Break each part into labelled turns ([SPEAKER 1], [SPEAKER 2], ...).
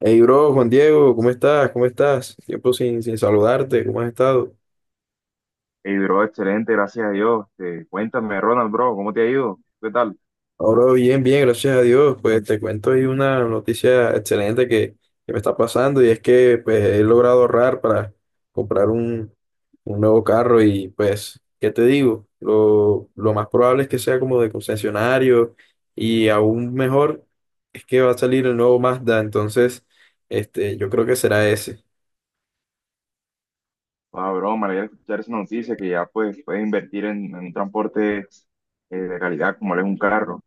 [SPEAKER 1] Hey, bro, Juan Diego, ¿cómo estás? ¿Cómo estás? Tiempo sin saludarte, ¿cómo has estado?
[SPEAKER 2] Hey, bro, excelente, gracias a Dios. Cuéntame, Ronald, bro, ¿cómo te ha ido? ¿Qué tal?
[SPEAKER 1] Ahora bien, bien, gracias a Dios. Pues te cuento ahí una noticia excelente que me está pasando, y es que pues he logrado ahorrar para comprar un nuevo carro y pues, ¿qué te digo? Lo más probable es que sea como de concesionario y aún mejor es que va a salir el nuevo Mazda, entonces yo creo que será ese.
[SPEAKER 2] Ah, bro, me alegra escuchar esa noticia que ya pues puedes invertir en un transporte de calidad como lo es un carro.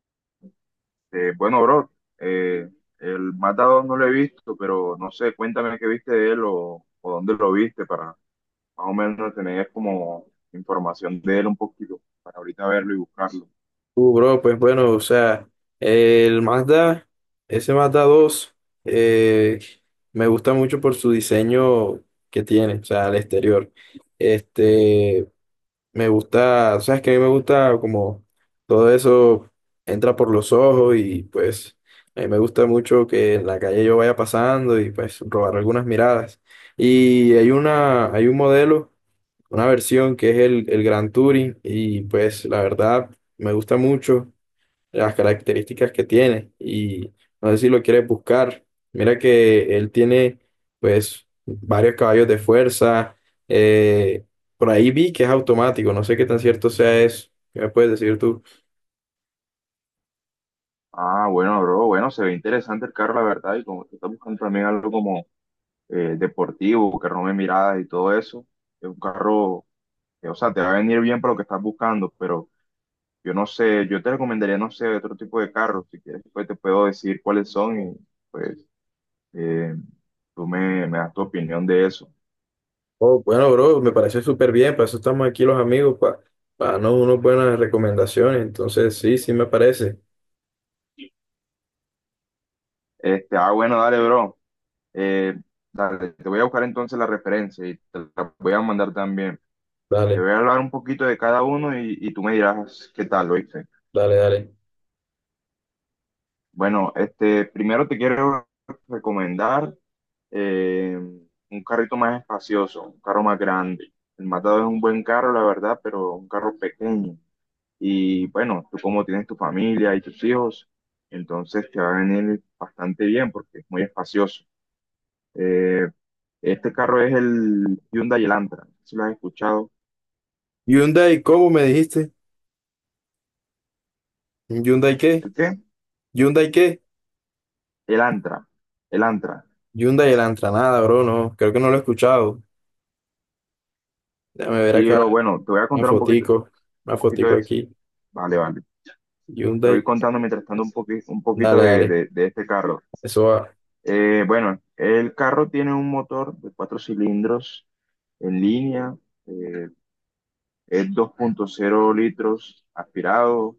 [SPEAKER 2] Bueno, bro, eh, el Mazda 2 no lo he visto, pero no sé, cuéntame qué viste de él o dónde lo viste para más o menos tener como información de él un poquito, para ahorita verlo y buscarlo.
[SPEAKER 1] Bro, pues bueno, o sea, el Mazda, ese Mazda dos eh, me gusta mucho por su diseño que tiene, o sea, al exterior. Este, Me gusta, o sea, es que a mí me gusta como todo eso entra por los ojos, y pues a mí me gusta mucho que en la calle yo vaya pasando y pues robar algunas miradas. Y hay un modelo, una versión que es el Grand Touring, y pues la verdad me gusta mucho las características que tiene, y no sé si lo quieres buscar. Mira que él tiene pues varios caballos de fuerza. eh, por ahí vi que es automático, no sé qué tan cierto sea eso. ¿Qué me puedes decir tú?
[SPEAKER 2] Ah, bueno, bro, bueno, se ve interesante el carro, la verdad, y como que está buscando también algo como deportivo, que rompe miradas y todo eso. Es un carro que, o sea, te va a venir bien para lo que estás buscando, pero yo no sé, yo te recomendaría, no sé, otro tipo de carros. Si quieres, pues te puedo decir cuáles son y pues eh, tú me das tu opinión de eso.
[SPEAKER 1] Oh, bueno, bro, me parece súper bien, para eso estamos aquí los amigos, para darnos unas buenas recomendaciones. Entonces, sí, sí me parece.
[SPEAKER 2] Bueno, dale, bro. Eh, dale, te voy a buscar entonces la referencia y te la voy a mandar también. Te
[SPEAKER 1] Dale,
[SPEAKER 2] voy a hablar un poquito de cada uno y tú me dirás qué tal, ¿oíste?
[SPEAKER 1] dale, dale.
[SPEAKER 2] Bueno, primero te quiero recomendar eh, un carrito más espacioso, un carro más grande. El Matado es un buen carro, la verdad, pero un carro pequeño. Y bueno, tú como tienes tu familia y tus hijos, entonces te va a venir bastante bien porque es muy espacioso. Eh, este carro es el Hyundai Elantra, si lo has escuchado.
[SPEAKER 1] Hyundai, ¿cómo me dijiste? ¿Hyundai qué?
[SPEAKER 2] ¿El qué?
[SPEAKER 1] ¿Hyundai qué?
[SPEAKER 2] El Elantra, el Antra.
[SPEAKER 1] Hyundai el Antranada, bro, no, creo que no lo he escuchado. Déjame ver
[SPEAKER 2] Y pero
[SPEAKER 1] acá.
[SPEAKER 2] bueno, te voy a
[SPEAKER 1] Una
[SPEAKER 2] contar
[SPEAKER 1] fotico,
[SPEAKER 2] un
[SPEAKER 1] una
[SPEAKER 2] poquito
[SPEAKER 1] fotico
[SPEAKER 2] de...
[SPEAKER 1] aquí.
[SPEAKER 2] Vale, vale. Te voy
[SPEAKER 1] Hyundai.
[SPEAKER 2] contando mientras tanto un poquito
[SPEAKER 1] Dale,
[SPEAKER 2] de,
[SPEAKER 1] dale.
[SPEAKER 2] de de este carro.
[SPEAKER 1] Eso va. Ok.
[SPEAKER 2] Bueno, el carro tiene un motor de cuatro cilindros en línea, eh, es dos punto cero litros aspirado,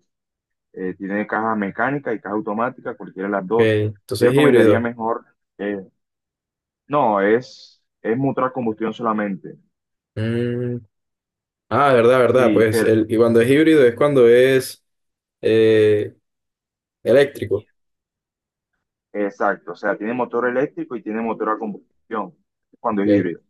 [SPEAKER 2] tiene caja mecánica y caja automática, cualquiera de las dos. Yo
[SPEAKER 1] ¿Entonces es
[SPEAKER 2] recomendaría
[SPEAKER 1] híbrido?
[SPEAKER 2] mejor, eh, no, es motor a combustión solamente.
[SPEAKER 1] Mm. Ah, verdad, verdad.
[SPEAKER 2] Sí,
[SPEAKER 1] Pues
[SPEAKER 2] pero
[SPEAKER 1] el, y cuando es híbrido es cuando es eh, eléctrico.
[SPEAKER 2] exacto, o sea, tiene motor eléctrico y tiene motor a combustión cuando es
[SPEAKER 1] Ok.
[SPEAKER 2] híbrido.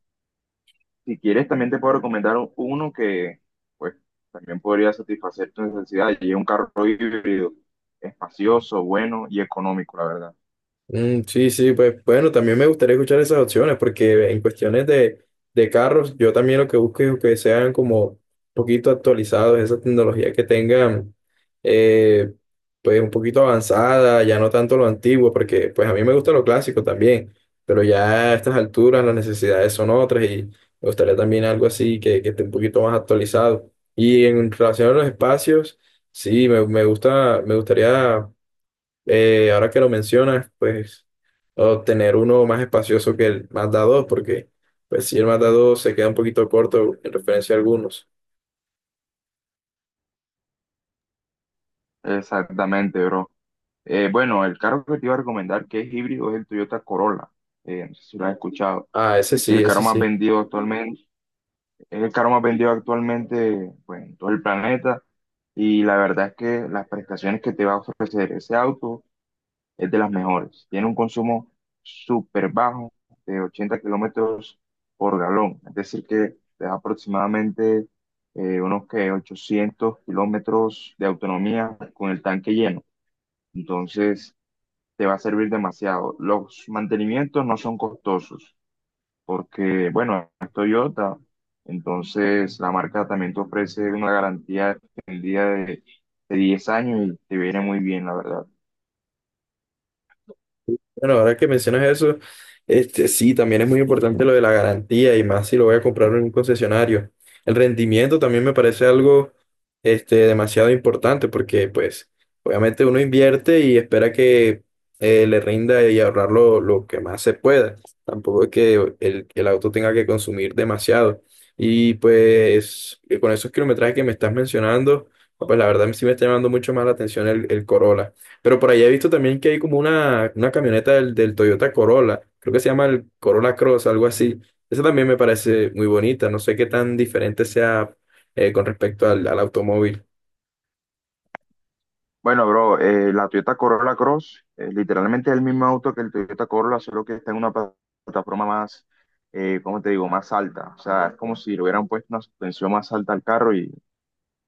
[SPEAKER 2] Si quieres, también te puedo recomendar uno que, pues, también podría satisfacer tu necesidad. Y es un carro híbrido, espacioso, bueno y económico, la verdad.
[SPEAKER 1] Mm, sí, sí, pues bueno, también me gustaría escuchar esas opciones, porque en de carros, yo también lo que busco es que sean como un poquito actualizados, esa tecnología que tengan, eh, pues un poquito avanzada, ya no tanto lo antiguo, porque pues a mí me gusta lo clásico también, pero ya a estas alturas las necesidades son otras y me gustaría también algo así que esté un poquito más actualizado. Y en relación a los espacios, sí, me gusta, me gustaría ahora que lo mencionas, pues obtener uno más espacioso que el Mazda 2, porque pues si el Mazda 2 se queda un poquito corto en referencia a algunos.
[SPEAKER 2] Exactamente, bro. Bueno, el carro que te iba a recomendar que es híbrido es el Toyota Corolla. No sé si lo has escuchado.
[SPEAKER 1] Ah, ese sí,
[SPEAKER 2] El carro
[SPEAKER 1] ese
[SPEAKER 2] más
[SPEAKER 1] sí.
[SPEAKER 2] vendido actualmente, es el carro más vendido actualmente, pues, en todo el planeta. Y la verdad es que las prestaciones que te va a ofrecer ese auto es de las mejores. Tiene un consumo súper bajo de 80 kilómetros por galón, es decir, que te da aproximadamente unos que 800 kilómetros de autonomía con el tanque lleno. Entonces, te va a servir demasiado. Los mantenimientos no son costosos porque, bueno, es Toyota, entonces la marca también te ofrece una garantía extendida de 10 años y te viene muy bien, la verdad.
[SPEAKER 1] Bueno, ahora que mencionas eso, este, sí, también es muy importante lo de la garantía, y más si lo voy a comprar en un concesionario. El rendimiento también me parece algo, este, demasiado importante, porque pues obviamente uno invierte y espera que le rinda y ahorrar lo que más se pueda. Tampoco es que el auto tenga que consumir demasiado. Y pues, con esos kilometrajes que me estás mencionando, pues la verdad sí me está llamando mucho más la atención el Corolla. Pero por allá he visto también que hay como una camioneta del Toyota Corolla, creo que se llama el Corolla Cross, algo así. Esa también me parece muy bonita, no sé qué tan diferente sea con respecto al automóvil.
[SPEAKER 2] Bueno, bro, la Toyota Corolla Cross, literalmente es el mismo auto que el Toyota Corolla, solo que está en una plataforma más, ¿cómo te digo?, más alta. O sea, es como si le hubieran puesto una suspensión más alta al carro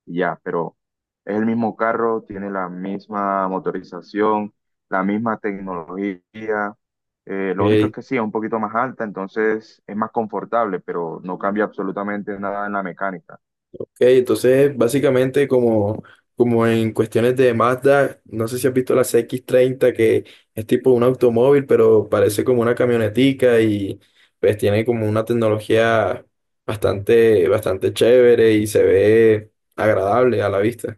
[SPEAKER 2] y ya, pero es el mismo carro, tiene la misma motorización, la misma tecnología. Lo único es
[SPEAKER 1] Ok,
[SPEAKER 2] que sí, es un poquito más alta, entonces es más confortable, pero no cambia absolutamente nada en la mecánica.
[SPEAKER 1] ok, entonces básicamente como, como en cuestiones de Mazda, no sé si has visto la CX-30, que es tipo un automóvil, pero parece como una camionetica, y pues tiene como una tecnología bastante, bastante chévere y se ve agradable a la vista.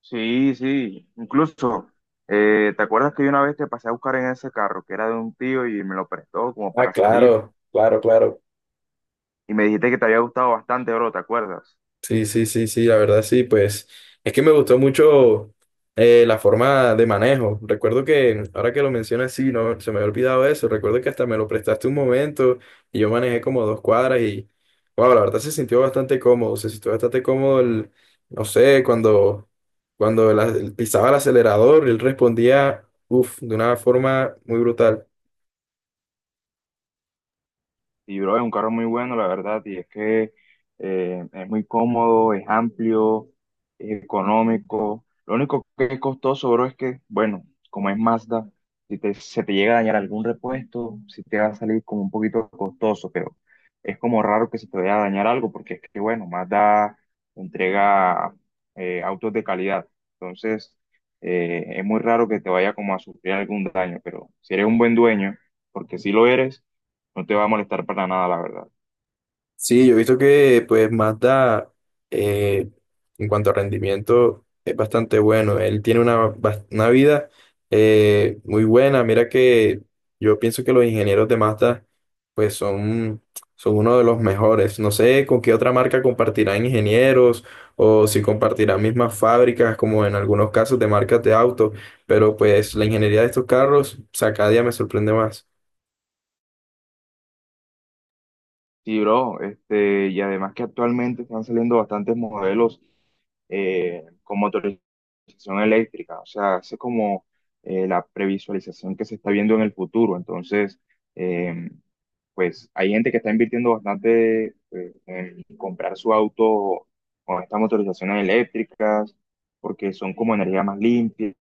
[SPEAKER 2] Sí, sí, incluso, ¿te acuerdas que yo una vez te pasé a buscar en ese carro que era de un tío y me lo prestó como
[SPEAKER 1] Ah,
[SPEAKER 2] para salir?
[SPEAKER 1] claro, claro, claro.
[SPEAKER 2] Y me dijiste que te había gustado bastante, bro, ¿te acuerdas?
[SPEAKER 1] Sí, sí, sí, sí, la verdad sí, pues es que me gustó mucho la forma de manejo. Recuerdo que, ahora que lo mencionas, sí, no, se me había olvidado eso. Recuerdo que hasta me lo prestaste un momento y yo manejé como dos cuadras y, wow, la verdad se sintió bastante cómodo, se sintió bastante cómodo no sé, cuando pisaba el acelerador, él respondía, uff, de una forma muy brutal.
[SPEAKER 2] Y bro, es un carro muy bueno, la verdad, y es que es muy cómodo, es amplio, es económico. Lo único que es costoso, bro, es que, bueno, como es Mazda, si te, se te llega a dañar algún repuesto, si te va a salir como un poquito costoso, pero es como raro que se te vaya a dañar algo, porque es que, bueno, Mazda entrega autos de calidad. Entonces, es muy raro que te vaya como a sufrir algún daño, pero si eres un buen dueño, porque si lo eres, no te va a molestar para nada, la verdad.
[SPEAKER 1] Sí, yo he visto que pues Mazda eh, en cuanto a rendimiento es bastante bueno. Él tiene una, una vida muy buena. Mira que yo pienso que los ingenieros de Mazda pues son uno de los mejores. No sé con qué otra marca compartirán ingenieros o si compartirán mismas fábricas, como en algunos casos de marcas de auto, pero pues la ingeniería de estos carros, o sea, cada día me sorprende más.
[SPEAKER 2] Sí, bro, este, y además que actualmente están saliendo bastantes modelos con motorización eléctrica, o sea, hace como la previsualización que se está viendo en el futuro. Entonces, eh, pues hay gente que está invirtiendo bastante en comprar su auto con estas motorizaciones eléctricas, porque son como energía más limpia,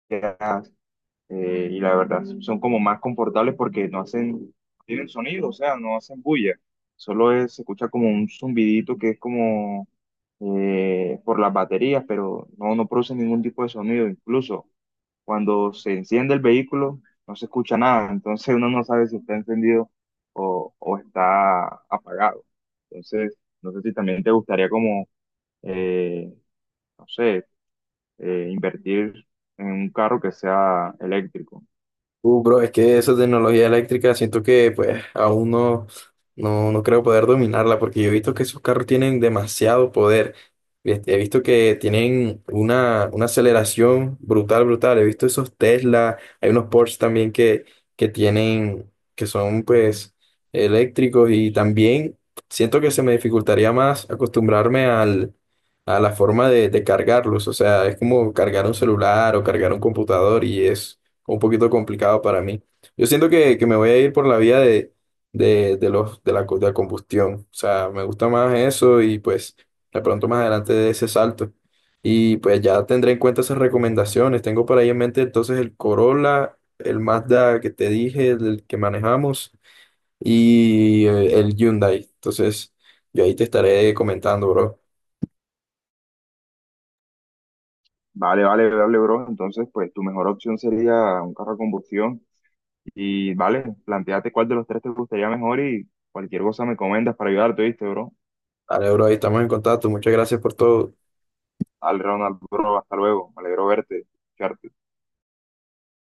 [SPEAKER 2] y la verdad son como más confortables porque no hacen, no tienen sonido, o sea, no hacen bulla, solo se escucha como un zumbidito que es como por las baterías, pero no, no produce ningún tipo de sonido, incluso cuando se enciende el vehículo no se escucha nada, entonces uno no sabe si está encendido o está apagado. Entonces, no sé si también te gustaría como, eh, no sé, invertir en un carro que sea eléctrico.
[SPEAKER 1] Bro, es que esa tecnología eléctrica siento que pues aún no creo poder dominarla, porque yo he visto que esos carros tienen demasiado poder. Este, he visto que tienen una aceleración brutal, brutal. He visto esos Tesla, hay unos Porsche también que, que tienen, que son pues eléctricos, y también siento que se me dificultaría más acostumbrarme a la forma de cargarlos. O sea, es como cargar un celular o cargar un computador, y es un poquito complicado para mí. Yo siento que me voy a ir por la vía de los, de la, co- de la combustión. O sea, me gusta más eso, y pues de pronto más adelante de ese salto. Y pues ya tendré en cuenta esas recomendaciones. Tengo por ahí en mente entonces el Corolla, el Mazda que te dije, el que manejamos, y el Hyundai. Entonces, yo ahí te estaré comentando, bro.
[SPEAKER 2] Vale, vale, vale, bro. Entonces, pues tu mejor opción sería un carro a combustión. Y vale, planteate cuál de los tres te gustaría mejor y cualquier cosa me comentas para ayudarte, ¿viste, bro?
[SPEAKER 1] Vale, bro, ahí estamos en contacto. Muchas gracias por todo.
[SPEAKER 2] Al Ronald, bro, hasta luego. Me alegro verte, escucharte.